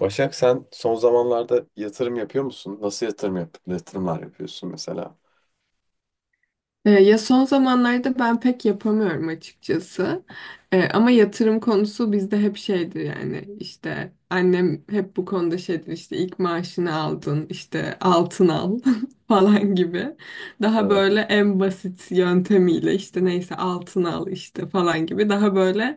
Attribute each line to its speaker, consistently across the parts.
Speaker 1: Başak, sen son zamanlarda yatırım yapıyor musun? Nasıl yatırımlar yapıyorsun mesela?
Speaker 2: Ya son zamanlarda ben pek yapamıyorum açıkçası. Ama yatırım konusu bizde hep şeydir, yani işte annem hep bu konuda şeydir, işte ilk maaşını aldın işte altın al falan gibi. Daha
Speaker 1: Evet.
Speaker 2: böyle en basit yöntemiyle işte neyse altın al işte falan gibi, daha böyle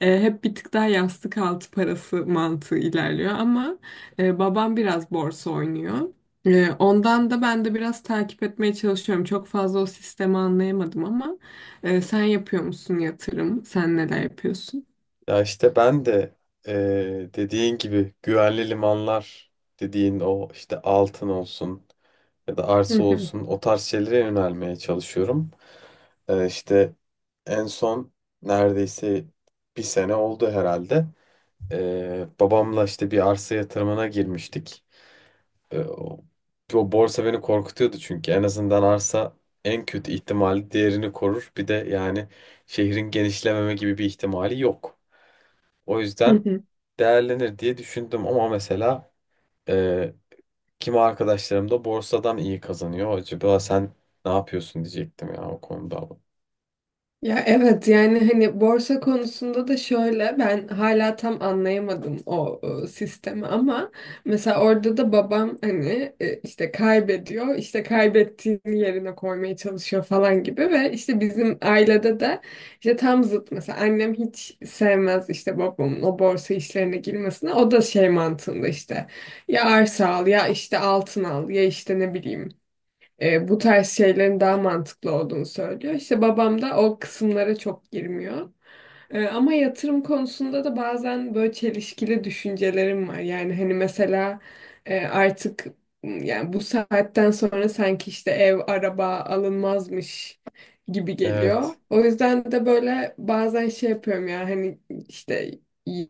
Speaker 2: hep bir tık daha yastık altı parası mantığı ilerliyor. Ama babam biraz borsa oynuyor. Ondan da ben de biraz takip etmeye çalışıyorum. Çok fazla o sistemi anlayamadım ama sen yapıyor musun yatırım? Sen neler yapıyorsun?
Speaker 1: Ya işte ben de Dediğin gibi güvenli limanlar dediğin, o işte altın olsun ya da arsa
Speaker 2: Hı
Speaker 1: olsun, o tarz şeylere yönelmeye çalışıyorum. İşte en son neredeyse bir sene oldu herhalde. Babamla işte bir arsa yatırımına girmiştik. E, o, O borsa beni korkutuyordu, çünkü en azından arsa en kötü ihtimali değerini korur. Bir de yani şehrin genişlememe gibi bir ihtimali yok. O yüzden
Speaker 2: hı.
Speaker 1: değerlenir diye düşündüm. Ama mesela e, kimi arkadaşlarım da borsadan iyi kazanıyor. Acaba sen ne yapıyorsun diyecektim ya o konuda.
Speaker 2: Ya evet, yani hani borsa konusunda da şöyle, ben hala tam anlayamadım sistemi, ama mesela orada da babam, hani işte kaybediyor, işte kaybettiğini yerine koymaya çalışıyor falan gibi. Ve işte bizim ailede de işte tam zıt, mesela annem hiç sevmez işte babamın o borsa işlerine girmesine. O da şey mantığında, işte ya arsa al, ya işte altın al, ya işte ne bileyim, bu tarz şeylerin daha mantıklı olduğunu söylüyor. İşte babam da o kısımlara çok girmiyor. Ama yatırım konusunda da bazen böyle çelişkili düşüncelerim var. Yani hani mesela, e, artık yani bu saatten sonra sanki işte ev, araba alınmazmış gibi geliyor.
Speaker 1: Evet.
Speaker 2: O yüzden de böyle bazen şey yapıyorum, ya hani işte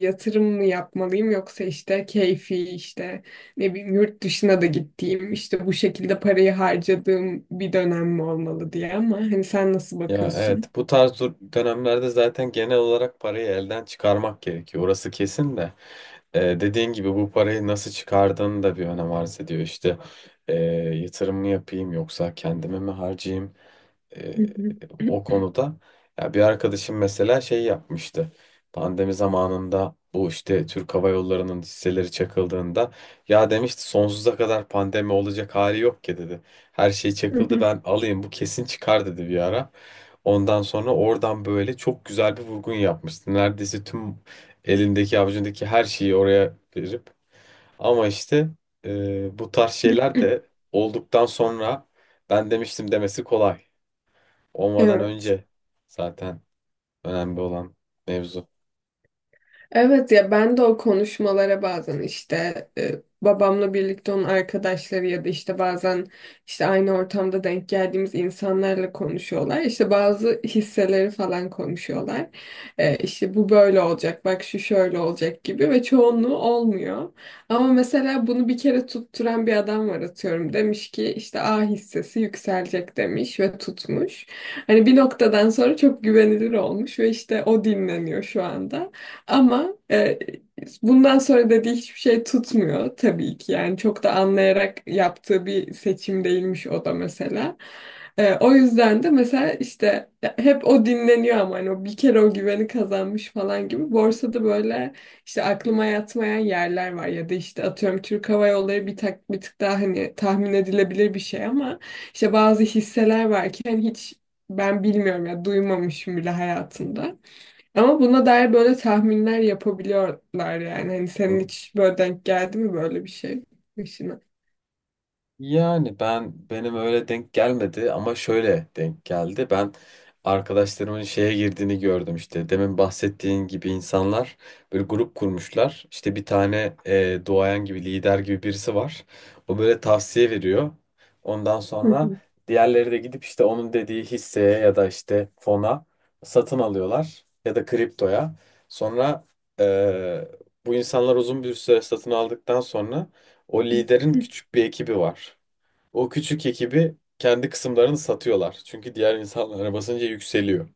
Speaker 2: yatırım mı yapmalıyım, yoksa işte keyfi, işte ne bileyim yurt dışına da gittiğim, işte bu şekilde parayı harcadığım bir dönem mi olmalı diye. Ama hani sen nasıl bakıyorsun?
Speaker 1: Bu tarz dönemlerde zaten genel olarak parayı elden çıkarmak gerekiyor. Orası kesin de. Dediğin gibi bu parayı nasıl çıkardığın da bir önem arz ediyor. Ee, Yatırım mı yapayım yoksa kendime mi harcayayım? e, o konuda. Ya bir arkadaşım mesela şey yapmıştı. Pandemi zamanında bu işte Türk Hava Yolları'nın hisseleri çakıldığında ya demişti, sonsuza kadar pandemi olacak hali yok ki dedi. Her şey çakıldı, ben alayım, bu kesin çıkar dedi bir ara. Ondan sonra oradan böyle çok güzel bir vurgun yapmıştı. Neredeyse tüm elindeki avucundaki her şeyi oraya verip, ama işte bu tarz şeyler de olduktan sonra ben demiştim demesi kolay. Olmadan
Speaker 2: Evet.
Speaker 1: önce zaten önemli olan mevzu.
Speaker 2: Evet ya, ben de o konuşmalara bazen, işte babamla birlikte onun arkadaşları, ya da işte bazen işte aynı ortamda denk geldiğimiz insanlarla konuşuyorlar. İşte bazı hisseleri falan konuşuyorlar. E, işte bu böyle olacak, bak şu şöyle olacak gibi. Ve çoğunluğu olmuyor. Ama mesela bunu bir kere tutturan bir adam var, atıyorum. Demiş ki işte A hissesi yükselecek demiş ve tutmuş. Hani bir noktadan sonra çok güvenilir olmuş ve işte o dinleniyor şu anda. Ama bundan sonra dediği hiçbir şey tutmuyor tabii ki. Yani çok da anlayarak yaptığı bir seçim değilmiş o da, mesela. O yüzden de mesela işte hep o dinleniyor, ama hani o bir kere o güveni kazanmış falan gibi. Borsada böyle işte aklıma yatmayan yerler var, ya da işte atıyorum Türk Hava Yolları bir tık daha hani tahmin edilebilir bir şey. Ama işte bazı hisseler var ki hani hiç ben bilmiyorum, ya duymamışım bile hayatımda. Ama buna dair böyle tahminler yapabiliyorlar yani. Hani senin
Speaker 1: Hı?
Speaker 2: hiç böyle denk geldi mi böyle bir şey başına?
Speaker 1: Yani ben benim öyle denk gelmedi ama şöyle denk geldi. Ben arkadaşlarımın şeye girdiğini gördüm işte. Demin bahsettiğin gibi insanlar böyle grup kurmuşlar. İşte bir tane duayen gibi, lider gibi birisi var. O böyle tavsiye veriyor. Ondan
Speaker 2: Hı
Speaker 1: sonra
Speaker 2: hı.
Speaker 1: diğerleri de gidip işte onun dediği hisseye ya da işte fona satın alıyorlar ya da kriptoya. Sonra e, bu insanlar uzun bir süre satın aldıktan sonra o liderin küçük bir ekibi var. O küçük ekibi kendi kısımlarını satıyorlar, çünkü diğer insanlara basınca yükseliyor.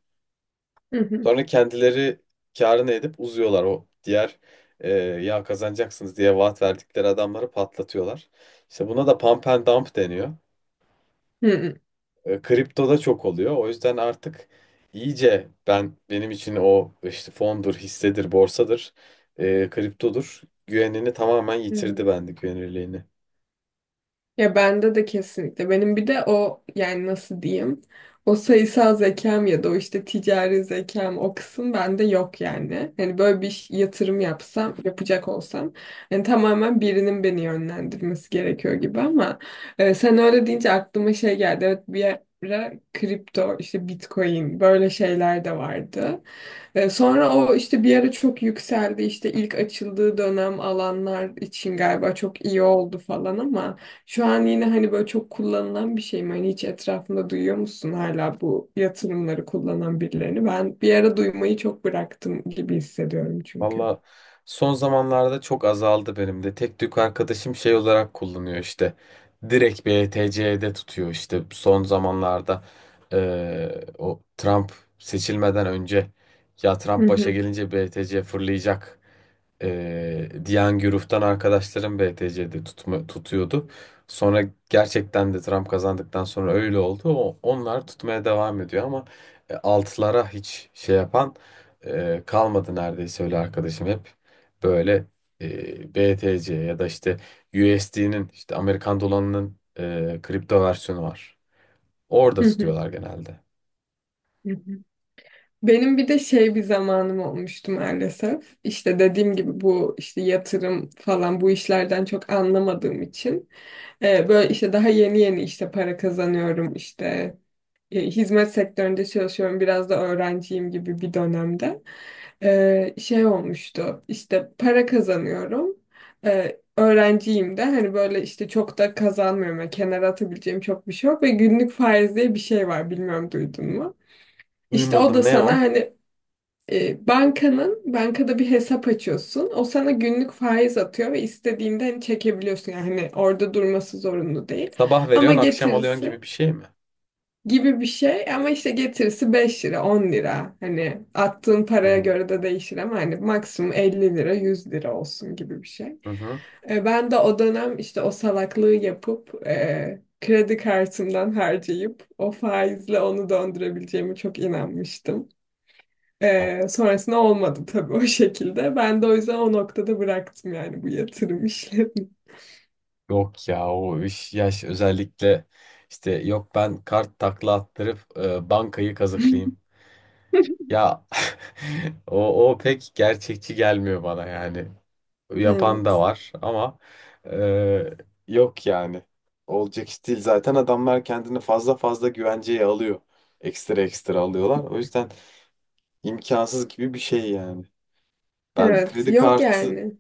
Speaker 2: Hı hı.
Speaker 1: Sonra kendileri kârını edip uzuyorlar. O diğer, ya kazanacaksınız diye vaat verdikleri adamları patlatıyorlar. İşte buna da pump and dump deniyor.
Speaker 2: Hı hı.
Speaker 1: Kriptoda çok oluyor. O yüzden artık iyice benim için o işte fondur, hissedir, borsadır, kriptodur, güvenini tamamen
Speaker 2: Hı.
Speaker 1: yitirdi bende, güvenilirliğini.
Speaker 2: Ya bende de kesinlikle. Benim bir de o, yani nasıl diyeyim? O sayısal zekam ya da o işte ticari zekam, o kısım bende yok yani. Hani böyle yatırım yapsam, yapacak olsam, yani tamamen birinin beni yönlendirmesi gerekiyor gibi. Ama sen öyle deyince aklıma şey geldi. Evet, bir ara kripto, işte Bitcoin, böyle şeyler de vardı. Sonra o işte bir ara çok yükseldi. İşte ilk açıldığı dönem alanlar için galiba çok iyi oldu falan. Ama şu an yine hani böyle çok kullanılan bir şey mi? Hani hiç etrafında duyuyor musun hala bu yatırımları kullanan birilerini? Ben bir ara duymayı çok bıraktım gibi hissediyorum çünkü.
Speaker 1: Valla son zamanlarda çok azaldı benim de. Tek tük arkadaşım şey olarak kullanıyor işte. Direkt BTC'de tutuyor işte. Son zamanlarda o Trump seçilmeden önce, ya
Speaker 2: Hı
Speaker 1: Trump başa
Speaker 2: hı,
Speaker 1: gelince BTC fırlayacak Diyangyuruf'tan arkadaşlarım BTC'de tutuyordu. Sonra gerçekten de Trump kazandıktan sonra öyle oldu. Onlar tutmaya devam ediyor. Ama altılara hiç şey yapan kalmadı neredeyse. Öyle arkadaşım hep böyle BTC ya da işte USD'nin, işte Amerikan dolarının, kripto versiyonu var. Orada
Speaker 2: hı hı,
Speaker 1: tutuyorlar genelde.
Speaker 2: hı hı. Benim bir de şey bir zamanım olmuştu maalesef. İşte dediğim gibi, bu işte yatırım falan, bu işlerden çok anlamadığım için, böyle işte daha yeni yeni işte para kazanıyorum, işte hizmet sektöründe çalışıyorum, biraz da öğrenciyim gibi bir dönemde. E, şey olmuştu, işte para kazanıyorum, öğrenciyim de, hani böyle işte çok da kazanmıyorum. Yani kenara atabileceğim çok bir şey yok, ve günlük faiz diye bir şey var, bilmiyorum duydun mu? İşte o da
Speaker 1: Duymadım, ne o?
Speaker 2: sana hani e, bankanın bankada bir hesap açıyorsun. O sana günlük faiz atıyor ve istediğinde hani çekebiliyorsun. Yani hani orada durması zorunlu değil.
Speaker 1: Sabah
Speaker 2: Ama
Speaker 1: veriyorsun akşam alıyorsun
Speaker 2: getirisi
Speaker 1: gibi bir şey mi?
Speaker 2: gibi bir şey. Ama işte getirisi 5 lira 10 lira, hani attığın
Speaker 1: Hı
Speaker 2: paraya
Speaker 1: hı.
Speaker 2: göre de değişir, ama hani maksimum 50 lira 100 lira olsun gibi bir şey.
Speaker 1: Hı hı.
Speaker 2: Ben de o dönem işte o salaklığı yapıp, kredi kartımdan harcayıp o faizle onu döndürebileceğimi çok inanmıştım. Sonrasında olmadı tabii o şekilde. Ben de o yüzden o noktada bıraktım yani bu yatırım işlerini.
Speaker 1: Yok ya, o iş yaş özellikle. İşte yok, ben kart takla attırıp bankayı kazıklayayım. Ya o pek gerçekçi gelmiyor bana yani. Yapan da
Speaker 2: Evet.
Speaker 1: var ama e, yok yani. Olacak iş değil. Zaten adamlar kendini fazla fazla güvenceye alıyor. Ekstra ekstra alıyorlar. O yüzden imkansız gibi bir şey yani. Ben
Speaker 2: Evet.
Speaker 1: kredi
Speaker 2: Yok
Speaker 1: kartı
Speaker 2: yani.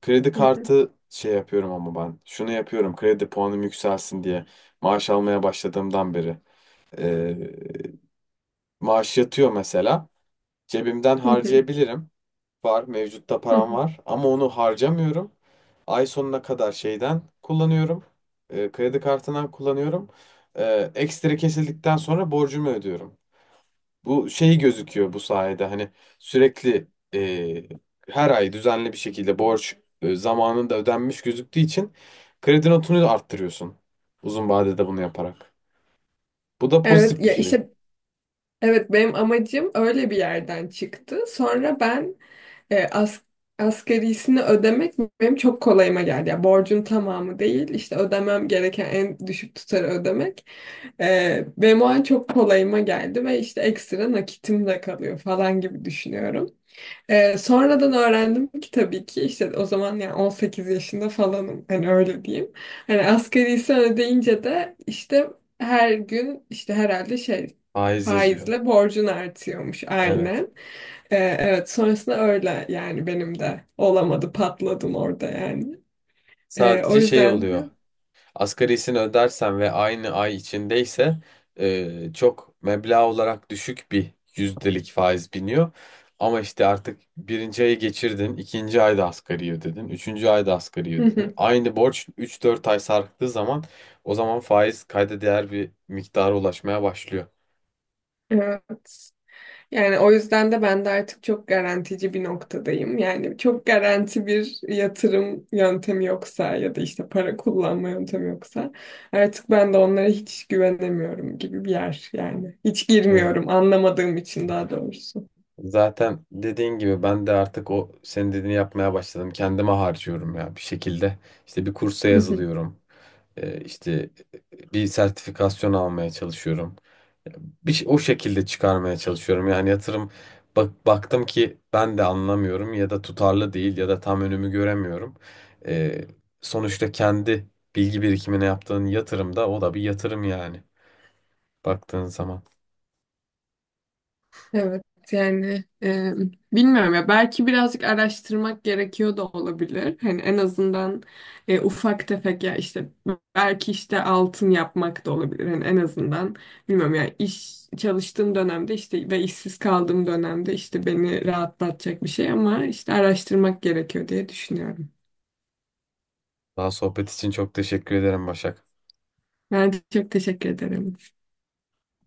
Speaker 1: Kredi
Speaker 2: Hı hı,
Speaker 1: kartı şey yapıyorum ama ben. Şunu yapıyorum, kredi puanım yükselsin diye. Maaş almaya başladığımdan beri. Ee, Maaş yatıyor mesela. Cebimden
Speaker 2: hı hı,
Speaker 1: harcayabilirim. Var, mevcutta
Speaker 2: hı
Speaker 1: param
Speaker 2: hı.
Speaker 1: var. Ama onu harcamıyorum. Ay sonuna kadar şeyden kullanıyorum. Kredi kartından kullanıyorum. Ekstra kesildikten sonra borcumu ödüyorum. Bu şey gözüküyor bu sayede, hani sürekli her ay düzenli bir şekilde borç zamanında ödenmiş gözüktüğü için kredi notunu arttırıyorsun. Uzun vadede bunu yaparak. Bu da
Speaker 2: Evet
Speaker 1: pozitif bir
Speaker 2: ya
Speaker 1: şey.
Speaker 2: işte, evet benim amacım öyle bir yerden çıktı. Sonra ben e, as asgarisini ödemek benim çok kolayıma geldi. Yani borcun tamamı değil, işte ödemem gereken en düşük tutarı ödemek. Benim o an çok kolayıma geldi ve işte ekstra nakitim de kalıyor falan gibi düşünüyorum. Sonradan öğrendim ki tabii ki, işte o zaman yani 18 yaşında falanım, hani öyle diyeyim. Hani asgarisini ödeyince de işte her gün işte herhalde şey
Speaker 1: Faiz yazıyor.
Speaker 2: faizle borcun artıyormuş,
Speaker 1: Evet.
Speaker 2: aynen. Evet, sonrasında öyle, yani benim de olamadı, patladım orada yani. O
Speaker 1: Sadece şey
Speaker 2: yüzden
Speaker 1: oluyor.
Speaker 2: de
Speaker 1: Asgarisini ödersen ve aynı ay içindeyse çok meblağ olarak düşük bir yüzdelik faiz biniyor. Ama işte artık birinci ayı geçirdin, ikinci ayda asgari ödedin, üçüncü ayda asgari ödedin. Aynı borç üç dört ay sarktığı zaman o zaman faiz kayda değer bir miktara ulaşmaya başlıyor.
Speaker 2: evet. Yani o yüzden de ben de artık çok garantici bir noktadayım. Yani çok garanti bir yatırım yöntemi yoksa, ya da işte para kullanma yöntemi yoksa, artık ben de onlara hiç güvenemiyorum gibi bir yer yani. Hiç
Speaker 1: Evet.
Speaker 2: girmiyorum, anlamadığım için daha doğrusu.
Speaker 1: Zaten dediğin gibi ben de artık o senin dediğini yapmaya başladım. Kendime harcıyorum ya bir şekilde. İşte bir kursa yazılıyorum. E, işte bir sertifikasyon almaya çalışıyorum. O şekilde çıkarmaya çalışıyorum. Yani yatırım baktım ki ben de anlamıyorum ya da tutarlı değil ya da tam önümü göremiyorum. E, Sonuçta kendi bilgi birikimine yaptığın yatırım da, o da bir yatırım yani baktığın zaman.
Speaker 2: Evet yani, bilmiyorum ya, belki birazcık araştırmak gerekiyor da olabilir. Hani en azından ufak tefek, ya işte belki işte altın yapmak da olabilir. Hani en azından bilmiyorum ya, iş çalıştığım dönemde işte ve işsiz kaldığım dönemde işte beni rahatlatacak bir şey, ama işte araştırmak gerekiyor diye düşünüyorum.
Speaker 1: Daha sohbet için çok teşekkür ederim Başak.
Speaker 2: Ben çok teşekkür ederim.